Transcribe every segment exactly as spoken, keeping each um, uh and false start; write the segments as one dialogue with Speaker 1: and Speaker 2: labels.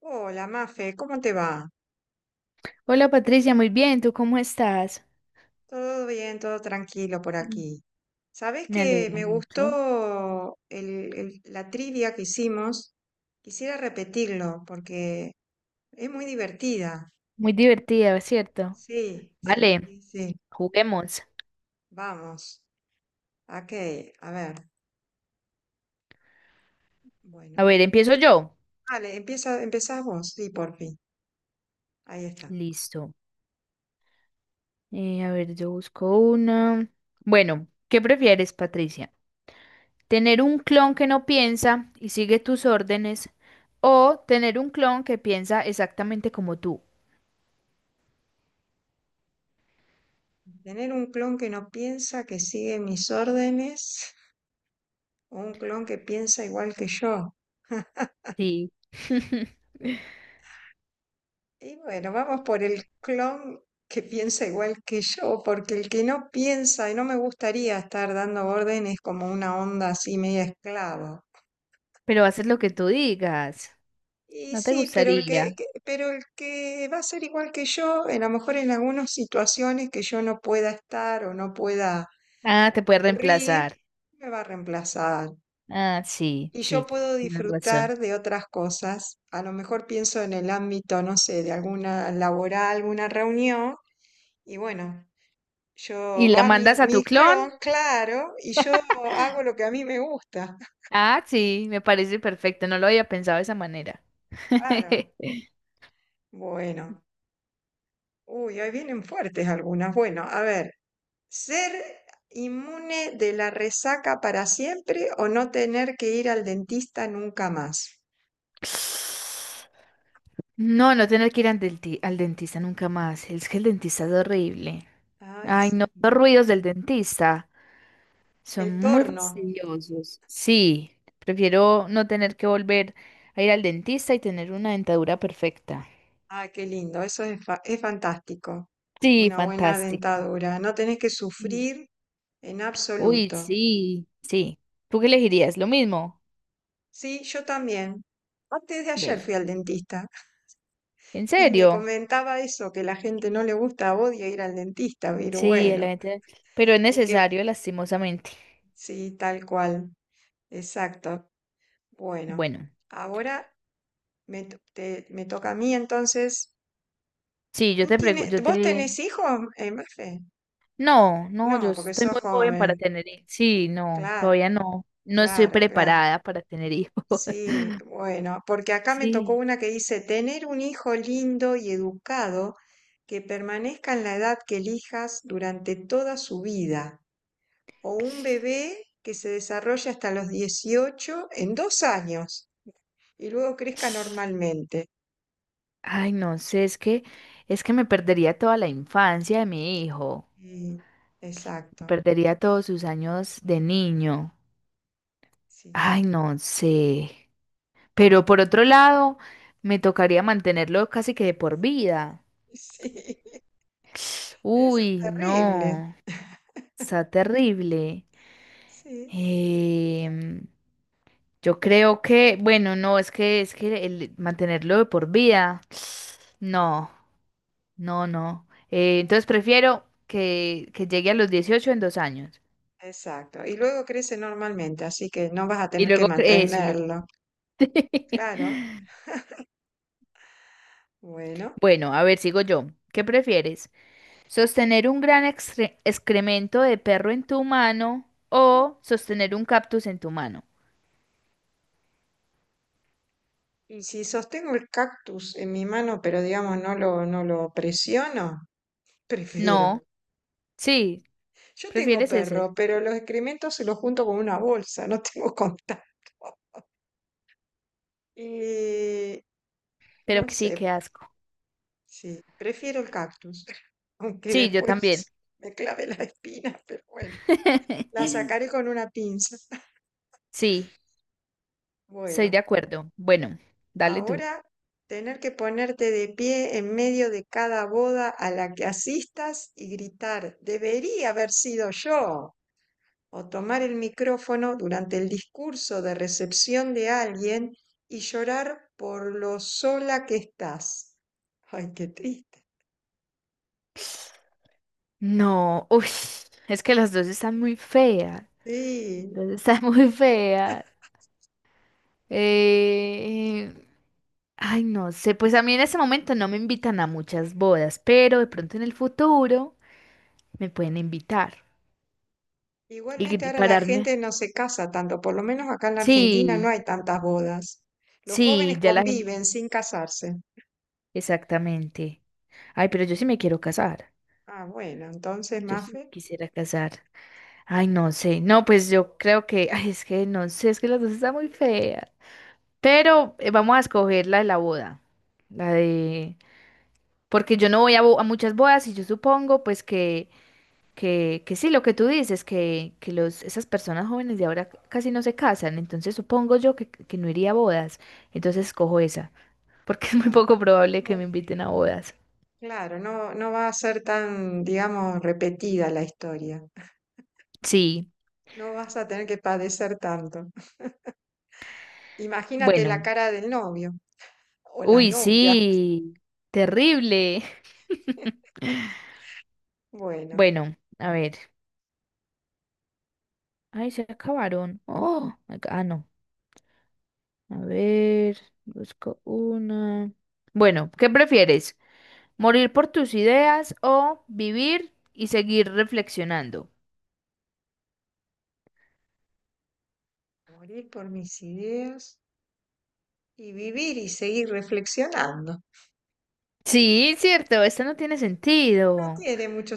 Speaker 1: Hola, Mafe, ¿cómo te va?
Speaker 2: Hola Patricia, muy bien, ¿tú cómo estás?
Speaker 1: Todo bien, todo tranquilo por
Speaker 2: Mm.
Speaker 1: aquí. ¿Sabes
Speaker 2: Me
Speaker 1: que
Speaker 2: alegra
Speaker 1: me
Speaker 2: mucho.
Speaker 1: gustó el- el- la trivia que hicimos? Quisiera repetirlo porque es muy divertida.
Speaker 2: Muy divertida, ¿cierto?
Speaker 1: Sí, sí,
Speaker 2: Vale,
Speaker 1: sí, sí.
Speaker 2: juguemos.
Speaker 1: Vamos. Ok, a ver.
Speaker 2: A
Speaker 1: Bueno.
Speaker 2: ver, empiezo yo.
Speaker 1: Vale, empieza, empezás vos. Sí, por fin. Ahí está.
Speaker 2: Listo. Eh, a ver, yo busco una. Bueno, ¿qué prefieres, Patricia? ¿Tener un clon que no piensa y sigue tus órdenes o tener un clon que piensa exactamente como tú?
Speaker 1: Tener un clon que no piensa, que sigue mis órdenes, o un clon que piensa igual que yo.
Speaker 2: Sí.
Speaker 1: Y bueno, vamos por el clon que piensa igual que yo, porque el que no piensa, y no me gustaría estar dando órdenes como una onda así media esclava.
Speaker 2: Pero haces lo que tú digas.
Speaker 1: Y
Speaker 2: ¿No te
Speaker 1: sí, pero el
Speaker 2: gustaría?
Speaker 1: que, que- pero el que va a ser igual que yo, a lo mejor en algunas situaciones que yo no pueda estar o no pueda
Speaker 2: Ah, te puede
Speaker 1: ocurrir,
Speaker 2: reemplazar.
Speaker 1: me va a reemplazar.
Speaker 2: Ah, sí,
Speaker 1: Y yo
Speaker 2: sí,
Speaker 1: puedo
Speaker 2: tienes razón.
Speaker 1: disfrutar de otras cosas. A lo mejor pienso en el ámbito, no sé, de alguna laboral, alguna reunión. Y bueno,
Speaker 2: Y
Speaker 1: yo
Speaker 2: la
Speaker 1: va mi,
Speaker 2: mandas a tu
Speaker 1: mi
Speaker 2: clon.
Speaker 1: clon, claro, y yo hago lo que a mí me gusta.
Speaker 2: Ah, sí, me parece perfecto. No lo había pensado de esa manera.
Speaker 1: Claro. Bueno. Uy, ahí vienen fuertes algunas. Bueno, a ver, ¿ser inmune de la resaca para siempre o no tener que ir al dentista nunca más?
Speaker 2: No, no tener que ir al, denti- al dentista nunca más. Es que el dentista es horrible.
Speaker 1: Ay,
Speaker 2: Ay,
Speaker 1: sí.
Speaker 2: no, los ruidos del dentista son
Speaker 1: El
Speaker 2: muy
Speaker 1: torno.
Speaker 2: fastidiosos. Sí, prefiero no tener que volver a ir al dentista y tener una dentadura perfecta.
Speaker 1: Ah, qué lindo. Eso es, fa- es fantástico.
Speaker 2: Sí,
Speaker 1: Una buena
Speaker 2: fantástico.
Speaker 1: dentadura. No tenés que sufrir en
Speaker 2: Uy,
Speaker 1: absoluto.
Speaker 2: sí, sí. ¿Tú qué elegirías? ¿Lo mismo?
Speaker 1: Sí, yo también. Antes de ayer
Speaker 2: Bueno,
Speaker 1: fui al dentista.
Speaker 2: ¿en
Speaker 1: Y me
Speaker 2: serio?
Speaker 1: comentaba eso, que la gente no le gusta, odia ir al dentista, pero
Speaker 2: Sí, el
Speaker 1: bueno,
Speaker 2: evento, pero es
Speaker 1: es que
Speaker 2: necesario, lastimosamente.
Speaker 1: sí, tal cual, exacto. Bueno,
Speaker 2: Bueno,
Speaker 1: ahora me, to- te- me toca a mí entonces.
Speaker 2: sí, yo
Speaker 1: ¿Tú
Speaker 2: te pregunto,
Speaker 1: tienes,
Speaker 2: yo
Speaker 1: vos
Speaker 2: te...
Speaker 1: tenés hijos, eh, Mafe?
Speaker 2: No, no, yo
Speaker 1: No, porque
Speaker 2: estoy
Speaker 1: sos
Speaker 2: muy joven para
Speaker 1: joven.
Speaker 2: tener hijos. Sí, no,
Speaker 1: Claro,
Speaker 2: todavía no. No estoy
Speaker 1: claro, claro.
Speaker 2: preparada para tener hijos.
Speaker 1: Sí, bueno, porque acá me tocó
Speaker 2: Sí.
Speaker 1: una que dice, tener un hijo lindo y educado que permanezca en la edad que elijas durante toda su vida, o un bebé que se desarrolla hasta los dieciocho en dos años y luego crezca normalmente.
Speaker 2: Ay, no sé, es que, es que me perdería toda la infancia de mi hijo.
Speaker 1: Sí,
Speaker 2: Me
Speaker 1: exacto,
Speaker 2: perdería todos sus años de niño.
Speaker 1: sí,
Speaker 2: Ay, no sé. Pero por otro lado, me tocaría mantenerlo casi que de por vida.
Speaker 1: sí, eso es
Speaker 2: Uy,
Speaker 1: terrible.
Speaker 2: no, está terrible.
Speaker 1: Sí,
Speaker 2: Em, yo creo que, bueno, no, es que es que el mantenerlo de por vida, no, no, no. Eh, entonces prefiero que, que llegue a los dieciocho en dos años.
Speaker 1: exacto. Y luego crece normalmente, así que no vas a
Speaker 2: Y
Speaker 1: tener que
Speaker 2: luego, cre- eso. y luego-
Speaker 1: mantenerlo. Claro, bueno.
Speaker 2: Bueno, a ver, sigo yo. ¿Qué prefieres? Sostener un gran excre- excremento de perro en tu mano o sostener un cactus en tu mano.
Speaker 1: Y si sostengo el cactus en mi mano, pero digamos no lo, no lo presiono,
Speaker 2: No,
Speaker 1: prefiero.
Speaker 2: sí,
Speaker 1: Yo tengo
Speaker 2: prefieres ese,
Speaker 1: perro, pero los excrementos se los junto con una bolsa, no tengo contacto. Y
Speaker 2: pero
Speaker 1: no
Speaker 2: que sí, qué
Speaker 1: sé,
Speaker 2: asco.
Speaker 1: sí, prefiero el cactus, aunque
Speaker 2: Sí, yo también.
Speaker 1: después me clave la espina, pero bueno, la sacaré con una pinza.
Speaker 2: Sí, estoy de
Speaker 1: Bueno,
Speaker 2: acuerdo. Bueno, dale tú.
Speaker 1: ahora tener que ponerte de pie en medio de cada boda a la que asistas y gritar, debería haber sido yo, o tomar el micrófono durante el discurso de recepción de alguien y llorar por lo sola que estás. Ay, qué triste.
Speaker 2: No, uy, es que las dos están muy feas.
Speaker 1: Sí.
Speaker 2: Las dos están muy feas. Eh, Ay, no sé, pues a mí en ese momento no me invitan a muchas bodas, pero de pronto en el futuro. Me pueden invitar y
Speaker 1: Igualmente
Speaker 2: gri-
Speaker 1: ahora la
Speaker 2: pararme.
Speaker 1: gente no se casa tanto, por lo menos acá en la Argentina no
Speaker 2: Sí,
Speaker 1: hay tantas bodas. Los
Speaker 2: sí,
Speaker 1: jóvenes
Speaker 2: ya la gente.
Speaker 1: conviven sin casarse.
Speaker 2: Exactamente. Ay, pero yo sí me quiero casar.
Speaker 1: Ah, bueno, entonces,
Speaker 2: Yo sí me
Speaker 1: Mafe,
Speaker 2: quisiera casar. Ay, no sé. No, pues yo creo que, ay, es que no sé, es que las dos están muy feas. Pero eh, vamos a escoger la de la boda. La de... Porque yo no voy a, bo- a muchas bodas y yo supongo pues que Que, que sí, lo que tú dices, que, que los, esas personas jóvenes de ahora casi no se casan, entonces supongo yo que, que no iría a bodas, entonces escojo esa, porque es muy
Speaker 1: ah,
Speaker 2: poco probable que
Speaker 1: mm,
Speaker 2: me inviten a bodas.
Speaker 1: claro, no, no va a ser tan, digamos, repetida la historia.
Speaker 2: Sí,
Speaker 1: No vas a tener que padecer tanto. Imagínate la
Speaker 2: bueno,
Speaker 1: cara del novio o la
Speaker 2: uy,
Speaker 1: novia.
Speaker 2: sí, terrible.
Speaker 1: Bueno,
Speaker 2: Bueno, a ver, ay, se acabaron. Oh, my ah, no, a ver, busco una. Bueno, ¿qué prefieres? ¿Morir por tus ideas o vivir y seguir reflexionando?
Speaker 1: morir por mis ideas y vivir y seguir reflexionando.
Speaker 2: Sí, cierto, esto no tiene
Speaker 1: No
Speaker 2: sentido.
Speaker 1: tiene mucho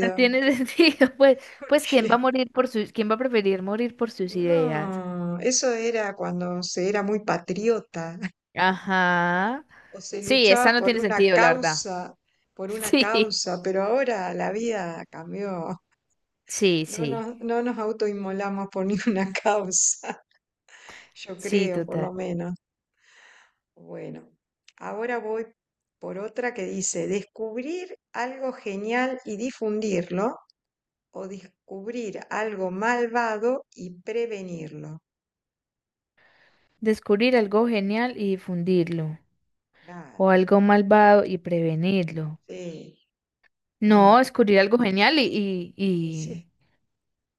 Speaker 2: No tiene sentido. Pues, pues, ¿quién va a
Speaker 1: porque
Speaker 2: morir por sus, quién va a preferir morir por sus ideas?
Speaker 1: no, eso era cuando se era muy patriota
Speaker 2: Ajá.
Speaker 1: o se
Speaker 2: Sí, esta
Speaker 1: luchaba
Speaker 2: no
Speaker 1: por
Speaker 2: tiene
Speaker 1: una
Speaker 2: sentido, la verdad.
Speaker 1: causa, por una
Speaker 2: Sí,
Speaker 1: causa, pero ahora la vida cambió.
Speaker 2: sí,
Speaker 1: No
Speaker 2: sí.
Speaker 1: nos, no nos autoinmolamos por ninguna causa, yo
Speaker 2: Sí,
Speaker 1: creo, por lo
Speaker 2: total.
Speaker 1: menos. Bueno, ahora voy por otra que dice, descubrir algo genial y difundirlo o descubrir algo malvado y prevenirlo.
Speaker 2: Descubrir algo genial y difundirlo.
Speaker 1: Claro.
Speaker 2: O algo malvado y prevenirlo.
Speaker 1: Sí, mm,
Speaker 2: No, descubrir algo genial y, y,
Speaker 1: y sí,
Speaker 2: y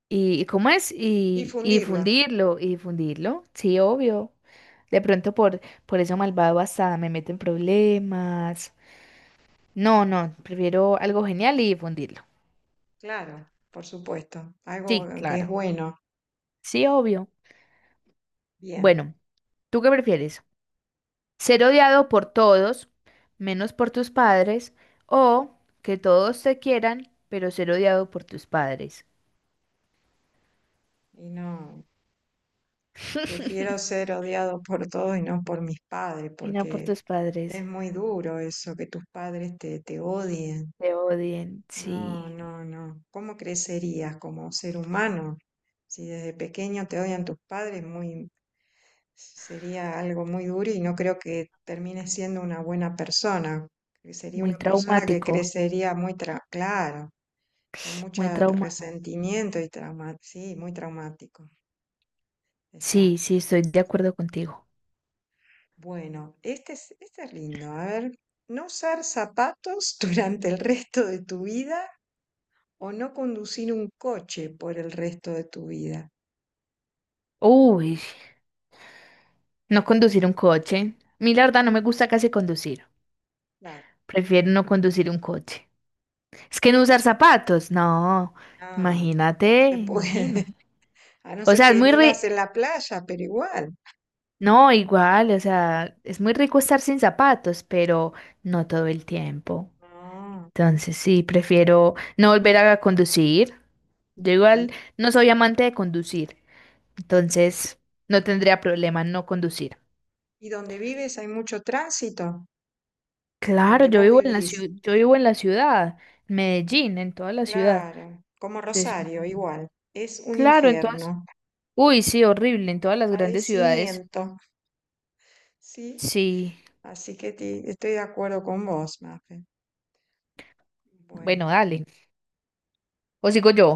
Speaker 2: ¿Y y cómo es? Y, y
Speaker 1: difundirlo,
Speaker 2: difundirlo, y difundirlo, sí, obvio. De pronto por, por eso malvado hasta me meto en problemas. No, no, prefiero algo genial y difundirlo.
Speaker 1: claro, por supuesto,
Speaker 2: Sí,
Speaker 1: algo que es
Speaker 2: claro,
Speaker 1: bueno,
Speaker 2: sí, obvio.
Speaker 1: bien.
Speaker 2: Bueno, ¿tú qué prefieres? ¿Ser odiado por todos, menos por tus padres, o que todos te quieran, pero ser odiado por tus padres?
Speaker 1: Y no, prefiero ser odiado por todos y no por mis padres,
Speaker 2: Y no por
Speaker 1: porque
Speaker 2: tus padres,
Speaker 1: es muy duro eso, que tus padres te, te odien.
Speaker 2: te odien,
Speaker 1: No,
Speaker 2: sí,
Speaker 1: no, no. ¿Cómo crecerías como ser humano? Si desde pequeño te odian tus padres, muy, sería algo muy duro, y no creo que termines siendo una buena persona. Que sería
Speaker 2: muy
Speaker 1: una persona que
Speaker 2: traumático.
Speaker 1: crecería muy, tra- claro, con mucho
Speaker 2: Muy traumada.
Speaker 1: resentimiento y trauma, sí, muy traumático.
Speaker 2: Sí,
Speaker 1: Exacto.
Speaker 2: sí, estoy de acuerdo contigo.
Speaker 1: Bueno, este es, este es lindo. A ver, no usar zapatos durante el resto de tu vida o no conducir un coche por el resto de tu vida.
Speaker 2: Uy, no conducir un coche. Mi la verdad no me gusta casi conducir.
Speaker 1: Claro.
Speaker 2: Prefiero no conducir un coche. Es que no usar zapatos, no.
Speaker 1: No, no
Speaker 2: Imagínate,
Speaker 1: se puede.
Speaker 2: imagina.
Speaker 1: A no
Speaker 2: O
Speaker 1: ser
Speaker 2: sea, es
Speaker 1: que
Speaker 2: muy
Speaker 1: vivas
Speaker 2: ri-
Speaker 1: en la playa, pero igual.
Speaker 2: No, igual, o sea, es muy rico estar sin zapatos, pero no todo el tiempo.
Speaker 1: No,
Speaker 2: Entonces sí, prefiero no volver a conducir. Yo igual
Speaker 1: sí.
Speaker 2: no soy amante de conducir, entonces no tendría problema en no conducir.
Speaker 1: ¿Y donde vives hay mucho tránsito?
Speaker 2: Claro,
Speaker 1: Donde
Speaker 2: yo
Speaker 1: vos
Speaker 2: vivo en la
Speaker 1: vivís.
Speaker 2: ciudad, yo vivo en la ciudad, en Medellín, en toda la ciudad.
Speaker 1: Claro, como
Speaker 2: Entonces,
Speaker 1: Rosario, igual. Es un
Speaker 2: claro, en todas.
Speaker 1: infierno,
Speaker 2: Uy, sí, horrible, en todas las grandes ciudades.
Speaker 1: padecimiento, ¿sí?
Speaker 2: Sí,
Speaker 1: Así que te- estoy de acuerdo con vos, Mafe.
Speaker 2: bueno,
Speaker 1: Bueno,
Speaker 2: dale. O sigo yo.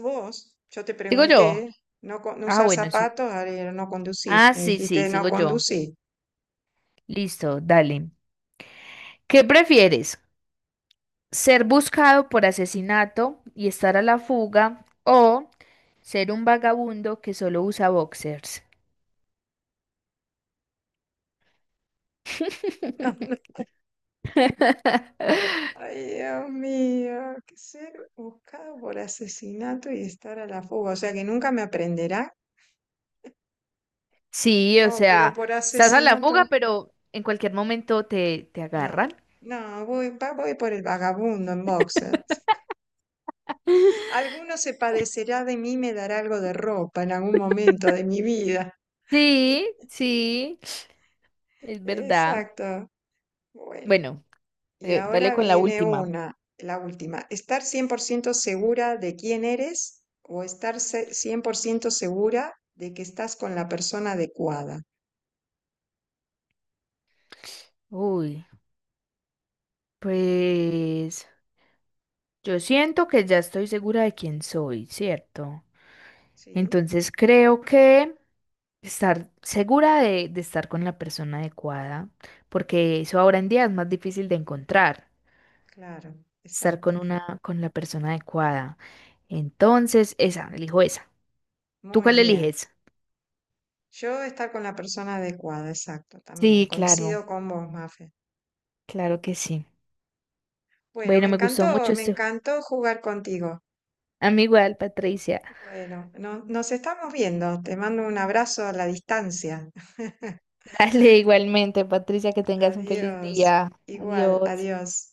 Speaker 1: vos, yo te
Speaker 2: Sigo yo.
Speaker 1: pregunté, no, co- no
Speaker 2: Ah,
Speaker 1: usar
Speaker 2: bueno, sí.
Speaker 1: zapatos, ahora era no conducir.
Speaker 2: Ah,
Speaker 1: Me
Speaker 2: sí, sí,
Speaker 1: dijiste no
Speaker 2: sigo yo.
Speaker 1: conducir.
Speaker 2: Listo, dale. ¿Qué prefieres? ¿Ser buscado por asesinato y estar a la fuga o ser un vagabundo que solo usa boxers?
Speaker 1: Ay, Dios mío, que ser buscado por asesinato y estar a la fuga, o sea que nunca me aprenderá.
Speaker 2: Sí,
Speaker 1: No,
Speaker 2: o
Speaker 1: pero
Speaker 2: sea,
Speaker 1: por
Speaker 2: estás a la
Speaker 1: asesinato,
Speaker 2: fuga, pero en cualquier momento te, te
Speaker 1: no,
Speaker 2: agarran.
Speaker 1: no, no, voy, va- voy por el vagabundo en boxer. Alguno se padecerá de mí, me dará algo de ropa en algún momento de mi vida.
Speaker 2: Sí, sí, es verdad.
Speaker 1: Exacto. Bueno,
Speaker 2: Bueno,
Speaker 1: y
Speaker 2: eh, dale
Speaker 1: ahora
Speaker 2: con la
Speaker 1: viene
Speaker 2: última.
Speaker 1: una, la última. ¿Estar cien por ciento segura de quién eres o estar se- cien por ciento segura de que estás con la persona adecuada?
Speaker 2: Uy, pues yo siento que ya estoy segura de quién soy, ¿cierto?
Speaker 1: Sí,
Speaker 2: Entonces creo que estar segura de, de estar con la persona adecuada, porque eso ahora en día es más difícil de encontrar,
Speaker 1: claro,
Speaker 2: estar
Speaker 1: exacto.
Speaker 2: con una, con la persona adecuada. Entonces, esa, elijo esa. ¿Tú
Speaker 1: Muy
Speaker 2: cuál
Speaker 1: bien.
Speaker 2: eliges?
Speaker 1: Yo estar con la persona adecuada, exacto, también.
Speaker 2: Sí, claro,
Speaker 1: Coincido con vos, Mafe.
Speaker 2: claro que sí.
Speaker 1: Bueno, me
Speaker 2: Bueno, me gustó
Speaker 1: encantó,
Speaker 2: mucho
Speaker 1: me
Speaker 2: este.
Speaker 1: encantó jugar contigo.
Speaker 2: A mí igual, Patricia.
Speaker 1: Bueno, no- nos estamos viendo. Te mando un abrazo a la distancia.
Speaker 2: Dale igualmente, Patricia, que tengas un feliz
Speaker 1: Adiós.
Speaker 2: día.
Speaker 1: Igual,
Speaker 2: Adiós.
Speaker 1: adiós.